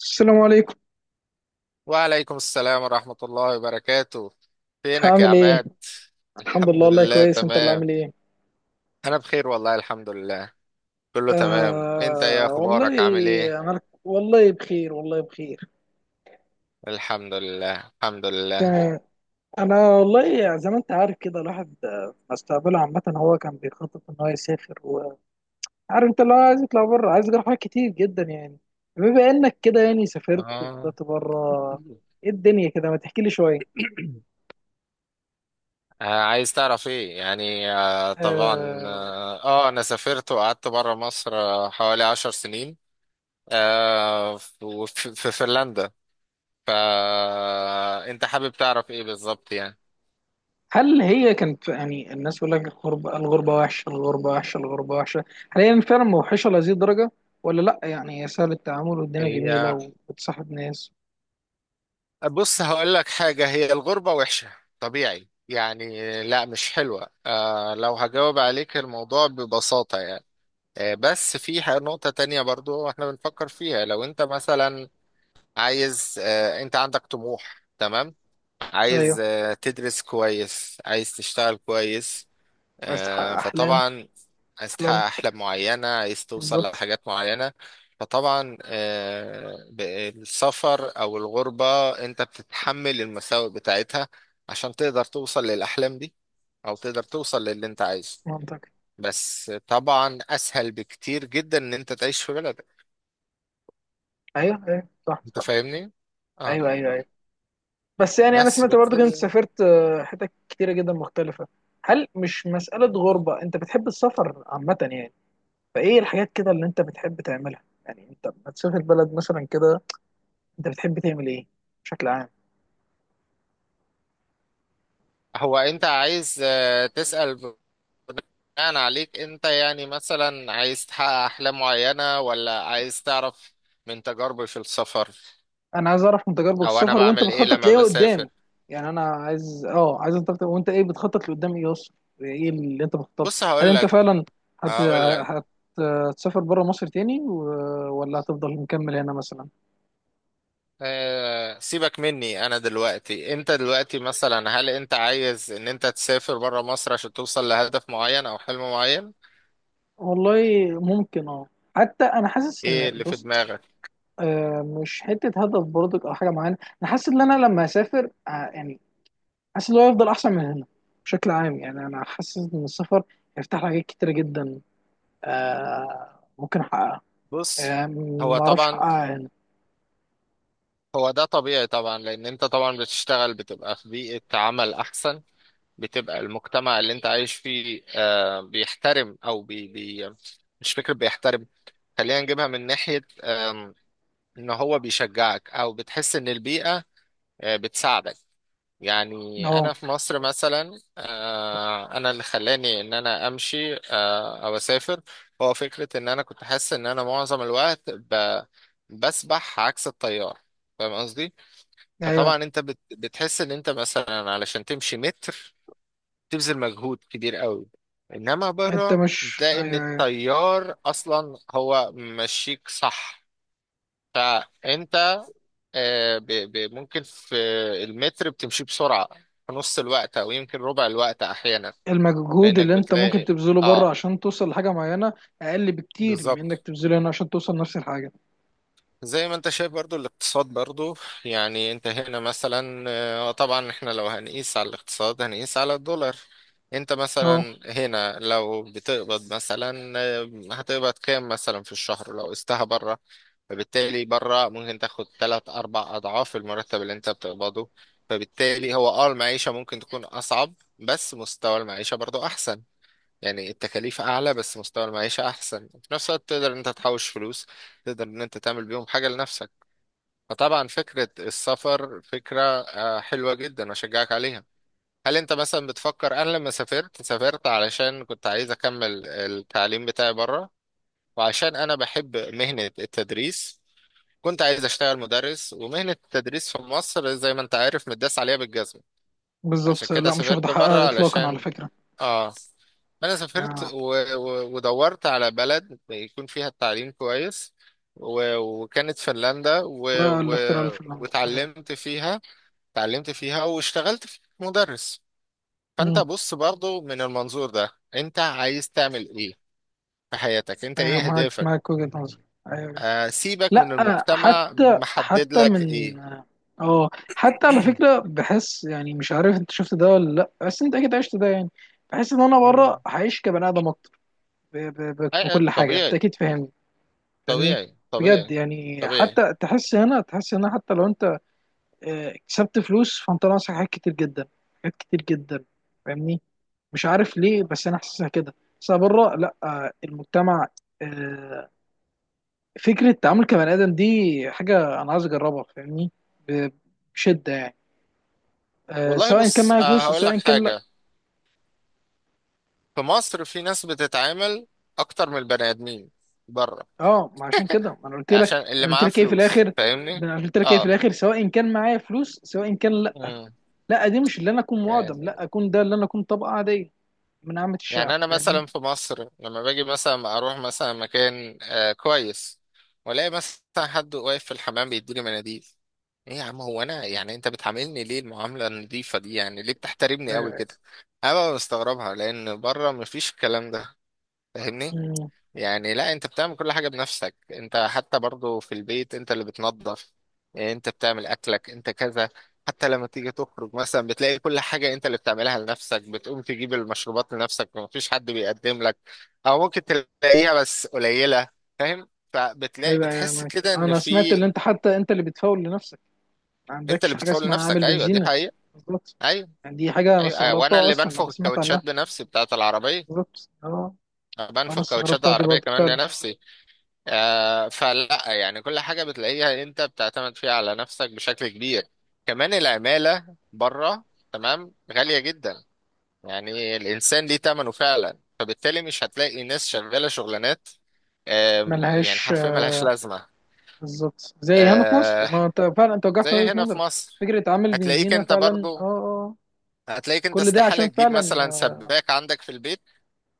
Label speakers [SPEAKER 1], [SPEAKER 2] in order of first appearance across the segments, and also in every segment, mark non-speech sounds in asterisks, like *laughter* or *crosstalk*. [SPEAKER 1] السلام عليكم.
[SPEAKER 2] وعليكم السلام ورحمة الله وبركاته. فينك يا
[SPEAKER 1] عامل ايه؟
[SPEAKER 2] عماد؟
[SPEAKER 1] الحمد لله،
[SPEAKER 2] الحمد
[SPEAKER 1] والله
[SPEAKER 2] لله،
[SPEAKER 1] كويس. انت اللي عامل
[SPEAKER 2] تمام.
[SPEAKER 1] ايه؟
[SPEAKER 2] أنا بخير والله، الحمد لله، كله تمام. أنت إيه
[SPEAKER 1] آه والله،
[SPEAKER 2] أخبارك؟ عامل إيه؟
[SPEAKER 1] والله بخير، والله بخير.
[SPEAKER 2] الحمد لله. الحمد لله.
[SPEAKER 1] تمام. انا والله زي ما انت عارف كده الواحد مستقبله عامه، هو كان بيخطط ان هو يسافر، وعارف انت لو عايز يطلع بره، عايز يجرب حاجات كتير جدا يعني. بما انك كده يعني سافرت
[SPEAKER 2] آه.
[SPEAKER 1] وطلعت بره، ايه الدنيا كده؟ ما تحكي لي شويه.
[SPEAKER 2] آه، عايز تعرف ايه يعني؟ آه طبعا،
[SPEAKER 1] آه،
[SPEAKER 2] انا سافرت وقعدت بره مصر، حوالي 10 سنين. آه وفي- في في فنلندا. فانت حابب تعرف ايه بالظبط يعني؟
[SPEAKER 1] هل هي كانت يعني الناس بيقول لك الغربة الغربة وحشة، الغربة وحشة، الغربة وحشة؟ هل هي فعلا موحشة لهذه الدرجة؟ ولا لأ؟ يعني هي سهل التعامل والدنيا جميلة،
[SPEAKER 2] هي
[SPEAKER 1] وبتصاحب ناس.
[SPEAKER 2] بص، هقول لك حاجة. هي الغربة وحشة، طبيعي يعني، لا مش حلوة. لو هجاوب عليك الموضوع ببساطة يعني، بس في نقطة تانية برضو احنا بنفكر فيها. لو انت مثلا عايز، انت عندك طموح، تمام؟
[SPEAKER 1] أيوه.
[SPEAKER 2] عايز تدرس كويس، عايز تشتغل كويس،
[SPEAKER 1] عايز تحقق أحلام.
[SPEAKER 2] فطبعا عايز تحقق
[SPEAKER 1] أحلام.
[SPEAKER 2] أحلام معينة، عايز توصل
[SPEAKER 1] بالظبط.
[SPEAKER 2] لحاجات معينة. فطبعا السفر أو الغربة أنت بتتحمل المساوئ بتاعتها عشان تقدر توصل للأحلام دي، أو تقدر توصل للي أنت عايزه.
[SPEAKER 1] منطقي.
[SPEAKER 2] بس طبعا أسهل بكتير جدا إن أنت تعيش في بلدك.
[SPEAKER 1] أيوه، أيوه، صح،
[SPEAKER 2] أنت
[SPEAKER 1] صح.
[SPEAKER 2] فاهمني؟ اه.
[SPEAKER 1] أيوه، أيوه، أيوه. بس يعني أنا
[SPEAKER 2] بس
[SPEAKER 1] سمعت
[SPEAKER 2] بس
[SPEAKER 1] برضه كنت سافرت حتت كتيرة جدا مختلفة. هل مش مسألة غربة؟ أنت بتحب السفر عامة يعني؟ فإيه الحاجات كده اللي أنت بتحب تعملها؟ يعني أنت لما تسافر بلد مثلا كده، أنت بتحب تعمل إيه بشكل عام؟
[SPEAKER 2] هو أنت عايز، تسأل بناء عليك انت، يعني مثلا عايز تحقق احلام معينة، ولا عايز تعرف من تجاربي في السفر
[SPEAKER 1] انا عايز اعرف من تجاربك
[SPEAKER 2] او انا
[SPEAKER 1] السفر، وانت
[SPEAKER 2] بعمل ايه
[SPEAKER 1] بتخطط
[SPEAKER 2] لما
[SPEAKER 1] لايه
[SPEAKER 2] بسافر؟
[SPEAKER 1] قدام. يعني انا عايز عايز، انت ايه بتخطط لقدام ايه اصلا؟ ايه اللي انت بتخطط؟
[SPEAKER 2] بص
[SPEAKER 1] هل
[SPEAKER 2] هقول
[SPEAKER 1] انت
[SPEAKER 2] لك،
[SPEAKER 1] فعلا هت...
[SPEAKER 2] هقول لك
[SPEAKER 1] هت- هتسافر بره مصر تاني ولا هتفضل مكمل هنا مثلا؟
[SPEAKER 2] سيبك مني. انا دلوقتي، انت دلوقتي مثلا، هل انت عايز ان انت تسافر بره مصر عشان توصل لهدف معين او حلم معين؟
[SPEAKER 1] والله ممكن اه حتى انا حاسس
[SPEAKER 2] ايه
[SPEAKER 1] ان،
[SPEAKER 2] اللي في
[SPEAKER 1] بص،
[SPEAKER 2] دماغك؟
[SPEAKER 1] مش حته هدف برضك او حاجه معينه. انا حاسس ان انا لما اسافر، يعني، حاسس ان هو هيفضل احسن من هنا بشكل عام. يعني انا حاسس ان السفر هيفتح لي حاجات كتيره جدا، ممكن احققها.
[SPEAKER 2] بص، هو
[SPEAKER 1] ما اعرفش
[SPEAKER 2] طبعا
[SPEAKER 1] حقها يعني.
[SPEAKER 2] هو ده طبيعي طبعا، لان انت طبعا بتشتغل، بتبقى في بيئة عمل احسن، بتبقى المجتمع اللي انت عايش فيه بيحترم او بي بي، مش فكرة بيحترم، خلينا نجيبها من ناحية، ان هو بيشجعك، او بتحس ان البيئة بتساعدك. يعني
[SPEAKER 1] اهو.
[SPEAKER 2] انا في مصر مثلا، انا اللي خلاني ان انا امشي او اسافر، هو فكرة ان انا كنت حاسس ان انا معظم الوقت بسبح عكس التيار. فاهم قصدي؟ فطبعا
[SPEAKER 1] ايوه.
[SPEAKER 2] انت بتحس ان انت مثلا علشان تمشي متر، بتبذل مجهود كبير قوي، انما
[SPEAKER 1] انت
[SPEAKER 2] بره
[SPEAKER 1] مش
[SPEAKER 2] بتلاقي ان
[SPEAKER 1] ايوه، ايوه.
[SPEAKER 2] التيار اصلا هو ماشيك، صح؟ فانت آه، ب- ممكن في المتر بتمشي بسرعه، في نص الوقت او يمكن ربع الوقت احيانا،
[SPEAKER 1] المجهود
[SPEAKER 2] لانك
[SPEAKER 1] اللي انت ممكن
[SPEAKER 2] بتلاقي.
[SPEAKER 1] تبذله بره
[SPEAKER 2] اه،
[SPEAKER 1] عشان توصل لحاجه معينه اقل بكتير من انك
[SPEAKER 2] بالظبط.
[SPEAKER 1] تبذله هنا عشان توصل نفس الحاجه.
[SPEAKER 2] زي ما انت شايف برضو، الاقتصاد برضو، يعني انت هنا مثلا، طبعا احنا لو هنقيس على الاقتصاد، هنقيس على الدولار. انت
[SPEAKER 1] اهو.
[SPEAKER 2] مثلا هنا لو بتقبض مثلا، هتقبض كام مثلا في الشهر لو قستها بره؟ فبالتالي بره ممكن تاخد تلات اربع اضعاف المرتب اللي انت بتقبضه، فبالتالي هو، المعيشة ممكن تكون اصعب بس مستوى المعيشة برضو احسن. يعني التكاليف اعلى بس مستوى المعيشة احسن، في نفس الوقت تقدر ان انت تحوش فلوس، تقدر ان انت تعمل بيهم حاجة لنفسك. فطبعا فكرة السفر فكرة، حلوة جدا، واشجعك عليها. هل انت مثلا بتفكر؟ انا لما سافرت، سافرت علشان كنت عايز اكمل التعليم بتاعي بره، وعشان انا بحب مهنة التدريس. كنت عايز اشتغل مدرس، ومهنة التدريس في مصر زي ما انت عارف متداس عليها بالجزمة. عشان
[SPEAKER 1] بالظبط.
[SPEAKER 2] كده
[SPEAKER 1] لا، مش واخده
[SPEAKER 2] سافرت بره
[SPEAKER 1] حقها اطلاقا على
[SPEAKER 2] علشان،
[SPEAKER 1] فكره.
[SPEAKER 2] اه انا سافرت
[SPEAKER 1] اه،
[SPEAKER 2] ودورت على بلد يكون فيها التعليم كويس، وكانت فنلندا
[SPEAKER 1] بقى الاختراع الفنلندي، ايوه.
[SPEAKER 2] وتعلمت فيها تعلمت فيها واشتغلت في مدرس. فانت
[SPEAKER 1] مم.
[SPEAKER 2] بص برضو، من المنظور ده انت عايز تعمل ايه في حياتك؟ انت
[SPEAKER 1] أيوة،
[SPEAKER 2] ايه
[SPEAKER 1] معاك،
[SPEAKER 2] هدفك؟
[SPEAKER 1] معاك وجهه نظر. ايوه.
[SPEAKER 2] سيبك من
[SPEAKER 1] لا.
[SPEAKER 2] المجتمع،
[SPEAKER 1] حتى
[SPEAKER 2] محدد
[SPEAKER 1] حتى
[SPEAKER 2] لك
[SPEAKER 1] من
[SPEAKER 2] ايه؟
[SPEAKER 1] اه حتى على فكره، بحس يعني مش عارف انت شفت ده ولا لا، بس انت اكيد عشت ده يعني. بحس ان انا بره
[SPEAKER 2] مم.
[SPEAKER 1] هعيش كبني ادم ب- ب- ب- بكل حاجه، انت
[SPEAKER 2] طبيعي.
[SPEAKER 1] اكيد فاهمني. فاهمني.
[SPEAKER 2] طبيعي،
[SPEAKER 1] بجد
[SPEAKER 2] طبيعي،
[SPEAKER 1] يعني،
[SPEAKER 2] طبيعي،
[SPEAKER 1] حتى تحس هنا، تحس هنا، حتى لو انت كسبت فلوس، فانت ناقصك حاجات كتير جدا. حاجات كتير جدا. فاهمني. مش عارف ليه بس انا حاسسها كده. بس أنا بره، لا، المجتمع، آه، فكره التعامل كبني ادم دي، حاجه انا عايز اجربها. فاهمني. ب- بشده يعني،
[SPEAKER 2] والله
[SPEAKER 1] سواء كان
[SPEAKER 2] بص،
[SPEAKER 1] معايا فلوس أو
[SPEAKER 2] هقول
[SPEAKER 1] سواء
[SPEAKER 2] لك
[SPEAKER 1] كان لا.
[SPEAKER 2] حاجة. في مصر في ناس بتتعامل أكتر من البني آدمين بره،
[SPEAKER 1] اه، ما عشان كده ما انا قلت لك
[SPEAKER 2] عشان اللي
[SPEAKER 1] انا قلت
[SPEAKER 2] معاه
[SPEAKER 1] لك ايه في
[SPEAKER 2] فلوس.
[SPEAKER 1] الاخر.
[SPEAKER 2] فاهمني؟
[SPEAKER 1] انا قلت لك ايه في
[SPEAKER 2] اه.
[SPEAKER 1] الاخر؟ سواء كان معايا فلوس سواء كان لا،
[SPEAKER 2] مم.
[SPEAKER 1] لا، دي مش اللي انا اكون معدم،
[SPEAKER 2] يعني،
[SPEAKER 1] لا، اكون ده اللي انا اكون طبقه عاديه من عامه
[SPEAKER 2] يعني
[SPEAKER 1] الشعب.
[SPEAKER 2] أنا
[SPEAKER 1] فاهمني.
[SPEAKER 2] مثلا في مصر لما باجي مثلا أروح مثلا مكان كويس، وألاقي مثلا حد واقف في الحمام بيديني مناديل، إيه يا عم؟ هو أنا يعني، أنت بتعاملني ليه المعاملة النظيفة دي؟ يعني ليه بتحترمني قوي
[SPEAKER 1] ايوه.
[SPEAKER 2] كده؟ أنا ببقى مستغربها لأن بره مفيش الكلام ده. فاهمني؟
[SPEAKER 1] أمم.
[SPEAKER 2] يعني لا، انت بتعمل كل حاجة بنفسك، انت حتى برضو في البيت انت اللي بتنظف، انت بتعمل اكلك، انت كذا. حتى لما تيجي تخرج مثلا، بتلاقي كل حاجة انت اللي بتعملها لنفسك، بتقوم تجيب المشروبات لنفسك ومفيش حد بيقدم لك، او ممكن تلاقيها بس قليلة. فاهم؟ فبتلاقي
[SPEAKER 1] ايوه، ايوه،
[SPEAKER 2] بتحس
[SPEAKER 1] معاك.
[SPEAKER 2] كده ان
[SPEAKER 1] انا سمعت
[SPEAKER 2] في،
[SPEAKER 1] اللي انت، حتى انت اللي بتفاول لنفسك، ما
[SPEAKER 2] انت اللي
[SPEAKER 1] عندكش حاجه
[SPEAKER 2] بتفوق
[SPEAKER 1] اسمها
[SPEAKER 2] لنفسك.
[SPEAKER 1] عامل
[SPEAKER 2] ايوه دي
[SPEAKER 1] بنزينه.
[SPEAKER 2] حقيقة.
[SPEAKER 1] بالظبط.
[SPEAKER 2] ايوه،
[SPEAKER 1] يعني دي حاجه انا
[SPEAKER 2] ايوه، وانا
[SPEAKER 1] استغربتها
[SPEAKER 2] اللي
[SPEAKER 1] اصلا لما
[SPEAKER 2] بنفخ
[SPEAKER 1] سمعت
[SPEAKER 2] الكاوتشات
[SPEAKER 1] عنها.
[SPEAKER 2] بنفسي بتاعت العربية،
[SPEAKER 1] بالظبط، اه. انا
[SPEAKER 2] بنفخ كاوتشات
[SPEAKER 1] استغربتها دي
[SPEAKER 2] العربية
[SPEAKER 1] برضه
[SPEAKER 2] كمان
[SPEAKER 1] فعلا.
[SPEAKER 2] لنفسي. فلا يعني كل حاجة بتلاقيها انت بتعتمد فيها على نفسك بشكل كبير. كمان العمالة بره، تمام، غالية جدا، يعني الإنسان ليه تمنه فعلا. فبالتالي مش هتلاقي ناس شغالة شغلانات، يعني
[SPEAKER 1] ملهاش
[SPEAKER 2] حرفيا
[SPEAKER 1] آه،
[SPEAKER 2] ملهاش لازمة.
[SPEAKER 1] بالظبط، زي هنا في مصر،
[SPEAKER 2] آه،
[SPEAKER 1] ما انت فعلا انت وجهت
[SPEAKER 2] زي
[SPEAKER 1] وجهه
[SPEAKER 2] هنا في
[SPEAKER 1] نظرك.
[SPEAKER 2] مصر،
[SPEAKER 1] فكره عامل
[SPEAKER 2] هتلاقيك
[SPEAKER 1] بنزينه
[SPEAKER 2] انت
[SPEAKER 1] فعلا
[SPEAKER 2] برضو،
[SPEAKER 1] اه
[SPEAKER 2] هتلاقيك انت
[SPEAKER 1] كل ده
[SPEAKER 2] استحالة
[SPEAKER 1] عشان
[SPEAKER 2] تجيب
[SPEAKER 1] فعلا
[SPEAKER 2] مثلا
[SPEAKER 1] اه
[SPEAKER 2] سباك عندك في البيت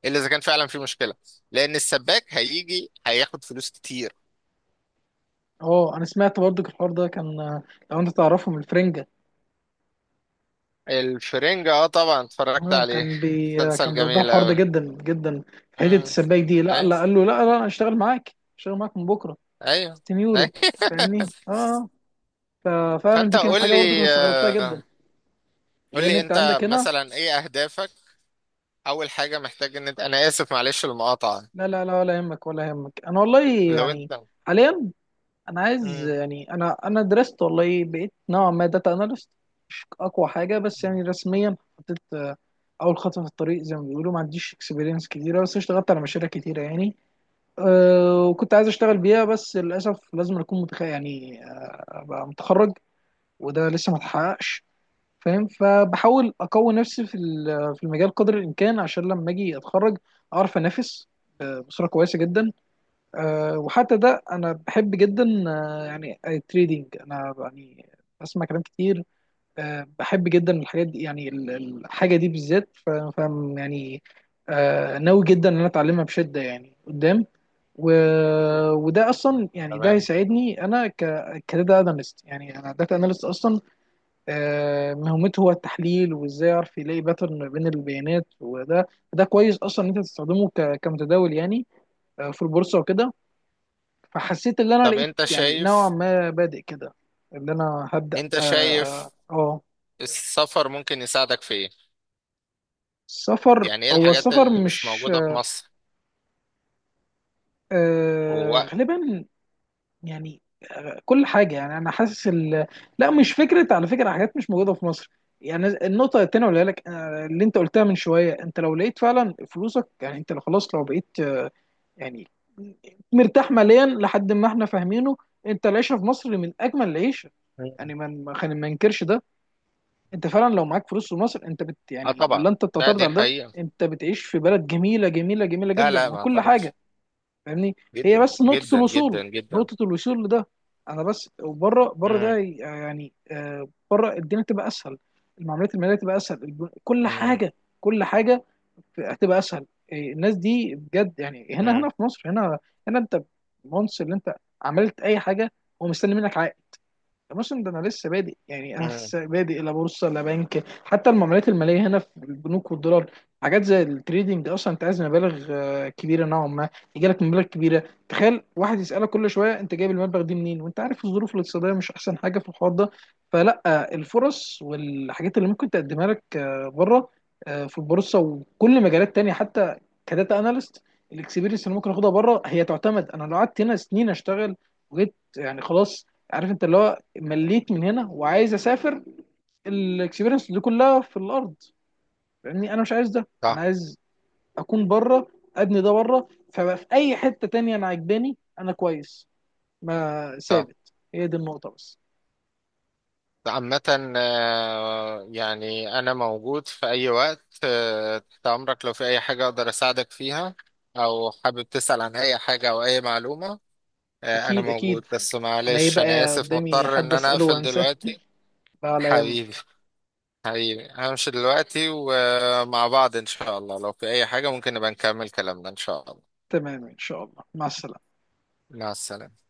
[SPEAKER 2] إلا إذا كان فعلا في مشكلة، لأن السباك هيجي هياخد فلوس كتير.
[SPEAKER 1] انا سمعت برضه الحوار ده كان. لو انت تعرفهم الفرنجه.
[SPEAKER 2] الفرنجة، طبعا اتفرجت
[SPEAKER 1] اه،
[SPEAKER 2] عليه،
[SPEAKER 1] كان بي
[SPEAKER 2] مسلسل
[SPEAKER 1] كان بيوضح
[SPEAKER 2] جميل
[SPEAKER 1] الحوار ده
[SPEAKER 2] اوي.
[SPEAKER 1] جدا جدا. في حته
[SPEAKER 2] مم.
[SPEAKER 1] السباك دي، لا،
[SPEAKER 2] ايوه،
[SPEAKER 1] لا، قال له، لا، لا، انا اشتغل معاك، اشتغل معاك من بكره،
[SPEAKER 2] ايوه،
[SPEAKER 1] 60
[SPEAKER 2] ايوه.
[SPEAKER 1] يورو. فاهمني اه
[SPEAKER 2] *laughs*
[SPEAKER 1] آه. ففعلا
[SPEAKER 2] فانت
[SPEAKER 1] دي كانت
[SPEAKER 2] قول
[SPEAKER 1] حاجه برضه كنت
[SPEAKER 2] لي،
[SPEAKER 1] استغربتها جدا،
[SPEAKER 2] قول
[SPEAKER 1] لان
[SPEAKER 2] لي
[SPEAKER 1] انت
[SPEAKER 2] انت
[SPEAKER 1] عندك هنا.
[SPEAKER 2] مثلا ايه اهدافك؟ اول حاجة محتاج ان انت، انا اسف معلش المقاطعة،
[SPEAKER 1] لا، لا، لا، ولا يهمك، ولا يهمك، انا والله
[SPEAKER 2] لو
[SPEAKER 1] يعني
[SPEAKER 2] انت.
[SPEAKER 1] حاليا انا عايز،
[SPEAKER 2] مم.
[SPEAKER 1] يعني، انا درست والله، بقيت نوعا ما داتا اناليست، مش اقوى حاجه، بس يعني رسميا حطيت، اول خطوه في الطريق زي ما بيقولوا، ما عنديش اكسبيرينس كتيره، بس اشتغلت على مشاريع كتيره يعني. وكنت عايز اشتغل بيها بس للاسف لازم اكون يعني ابقى متخرج، وده لسه ما اتحققش. فاهم، فبحاول اقوي نفسي في المجال قدر الامكان عشان لما اجي اتخرج اعرف انافس بصوره كويسه جدا. وحتى ده انا بحب جدا. يعني التريدينج، انا يعني بسمع كلام كتير، بحب جدا الحاجات دي، يعني الحاجه دي بالذات، فاهم يعني. ناوي جدا ان انا اتعلمها بشده يعني قدام، و...
[SPEAKER 2] مم.
[SPEAKER 1] وده اصلا يعني ده
[SPEAKER 2] تمام.
[SPEAKER 1] هيساعدني انا كداتا اناليست. يعني انا داتا اناليست اصلا، مهمته هو التحليل، وازاي اعرف يلاقي باترن ما بين البيانات. وده، ده كويس اصلا ان انت تستخدمه كمتداول يعني، في البورصه وكده. فحسيت ان انا
[SPEAKER 2] طب
[SPEAKER 1] لقيت
[SPEAKER 2] انت
[SPEAKER 1] يعني نوعا
[SPEAKER 2] شايف
[SPEAKER 1] ما بادئ كده، ان انا هبدا
[SPEAKER 2] انت
[SPEAKER 1] اه
[SPEAKER 2] شايف
[SPEAKER 1] آه، آه،
[SPEAKER 2] السفر ممكن يساعدك في ايه؟
[SPEAKER 1] السفر،
[SPEAKER 2] يعني ايه
[SPEAKER 1] هو
[SPEAKER 2] الحاجات
[SPEAKER 1] السفر
[SPEAKER 2] اللي مش
[SPEAKER 1] مش
[SPEAKER 2] موجودة في مصر ووقت؟
[SPEAKER 1] غالبا. يعني كل حاجة، يعني أنا حاسس لا، مش فكرة على فكرة حاجات مش موجودة في مصر. يعني النقطة التانية اللي لك آه، اللي أنت قلتها من شوية، أنت لو لقيت فعلا فلوسك، يعني أنت لو خلاص، لو بقيت، يعني مرتاح ماليا لحد ما احنا فاهمينه، أنت العيشة في مصر من أجمل العيشة،
[SPEAKER 2] مم.
[SPEAKER 1] يعني ما خلينا ما ننكرش ده. أنت فعلا لو معاك فلوس في مصر، أنت بت
[SPEAKER 2] اه
[SPEAKER 1] يعني،
[SPEAKER 2] طبعا.
[SPEAKER 1] ولا أنت
[SPEAKER 2] لا
[SPEAKER 1] بتعترض
[SPEAKER 2] دي
[SPEAKER 1] على ده؟
[SPEAKER 2] حقيقة.
[SPEAKER 1] أنت بتعيش في بلد جميلة، جميلة، جميلة
[SPEAKER 2] لا
[SPEAKER 1] جدا،
[SPEAKER 2] لا
[SPEAKER 1] من
[SPEAKER 2] ما
[SPEAKER 1] كل حاجة.
[SPEAKER 2] اعترضش،
[SPEAKER 1] فاهمني. هي
[SPEAKER 2] جدا
[SPEAKER 1] بس نقطة
[SPEAKER 2] جدا جدا
[SPEAKER 1] الوصول،
[SPEAKER 2] جدا.
[SPEAKER 1] نقطة الوصول لده، انا بس. وبره، بره
[SPEAKER 2] امم،
[SPEAKER 1] ده يعني بره الدنيا تبقى اسهل، المعاملات المالية تبقى اسهل، كل
[SPEAKER 2] امم،
[SPEAKER 1] حاجة، كل حاجة هتبقى اسهل. إيه، الناس دي بجد، يعني هنا،
[SPEAKER 2] امم،
[SPEAKER 1] هنا في مصر، هنا، هنا انت مونس اللي انت عملت اي حاجة هو مستني منك عائد. الموسم ده انا لسه بادئ، يعني انا
[SPEAKER 2] امم.
[SPEAKER 1] لسه بادئ، لا بورصه لا بنك، حتى المعاملات الماليه هنا في البنوك والدولار. حاجات زي التريدينج اصلا انت عايز مبالغ كبيره نوعا ما، يجي لك مبالغ كبيره، تخيل واحد يسالك كل شويه انت جايب المبلغ دي منين، وانت عارف الظروف الاقتصاديه مش احسن حاجه في الحوار ده. فلا، الفرص والحاجات اللي ممكن تقدمها لك بره، في البورصه وكل مجالات تانية، حتى كداتا اناليست، الاكسبيرينس اللي ممكن اخدها بره هي تعتمد. انا لو قعدت هنا سنين اشتغل وجيت يعني خلاص، عارف انت اللي هو مليت من هنا وعايز اسافر، الاكسبيرينس دي كلها في الارض. فاهمني انا مش عايز ده، انا
[SPEAKER 2] صح،
[SPEAKER 1] عايز اكون بره، ابني ده بره، فبقى في اي حته تانية انا عجباني انا كويس، ما
[SPEAKER 2] صح.
[SPEAKER 1] ثابت هي دي النقطه بس.
[SPEAKER 2] عامة، يعني أنا موجود في أي وقت تحت أمرك لو في أي حاجة أقدر أساعدك فيها، أو حابب تسأل عن أي حاجة أو أي معلومة. أنا
[SPEAKER 1] اكيد، اكيد،
[SPEAKER 2] موجود، بس
[SPEAKER 1] انا ايه
[SPEAKER 2] معلش أنا
[SPEAKER 1] بقى
[SPEAKER 2] آسف
[SPEAKER 1] قدامي
[SPEAKER 2] مضطر إن
[SPEAKER 1] حد
[SPEAKER 2] أنا
[SPEAKER 1] اساله
[SPEAKER 2] أقفل
[SPEAKER 1] وانساه،
[SPEAKER 2] دلوقتي.
[SPEAKER 1] لا، على
[SPEAKER 2] حبيبي،
[SPEAKER 1] يهمك.
[SPEAKER 2] حبيبي، همشي دلوقتي، ومع بعض إن شاء الله لو في أي حاجة ممكن نبقى نكمل كلامنا إن شاء الله.
[SPEAKER 1] تمام، ان شاء الله، مع السلامه.
[SPEAKER 2] مع السلامة.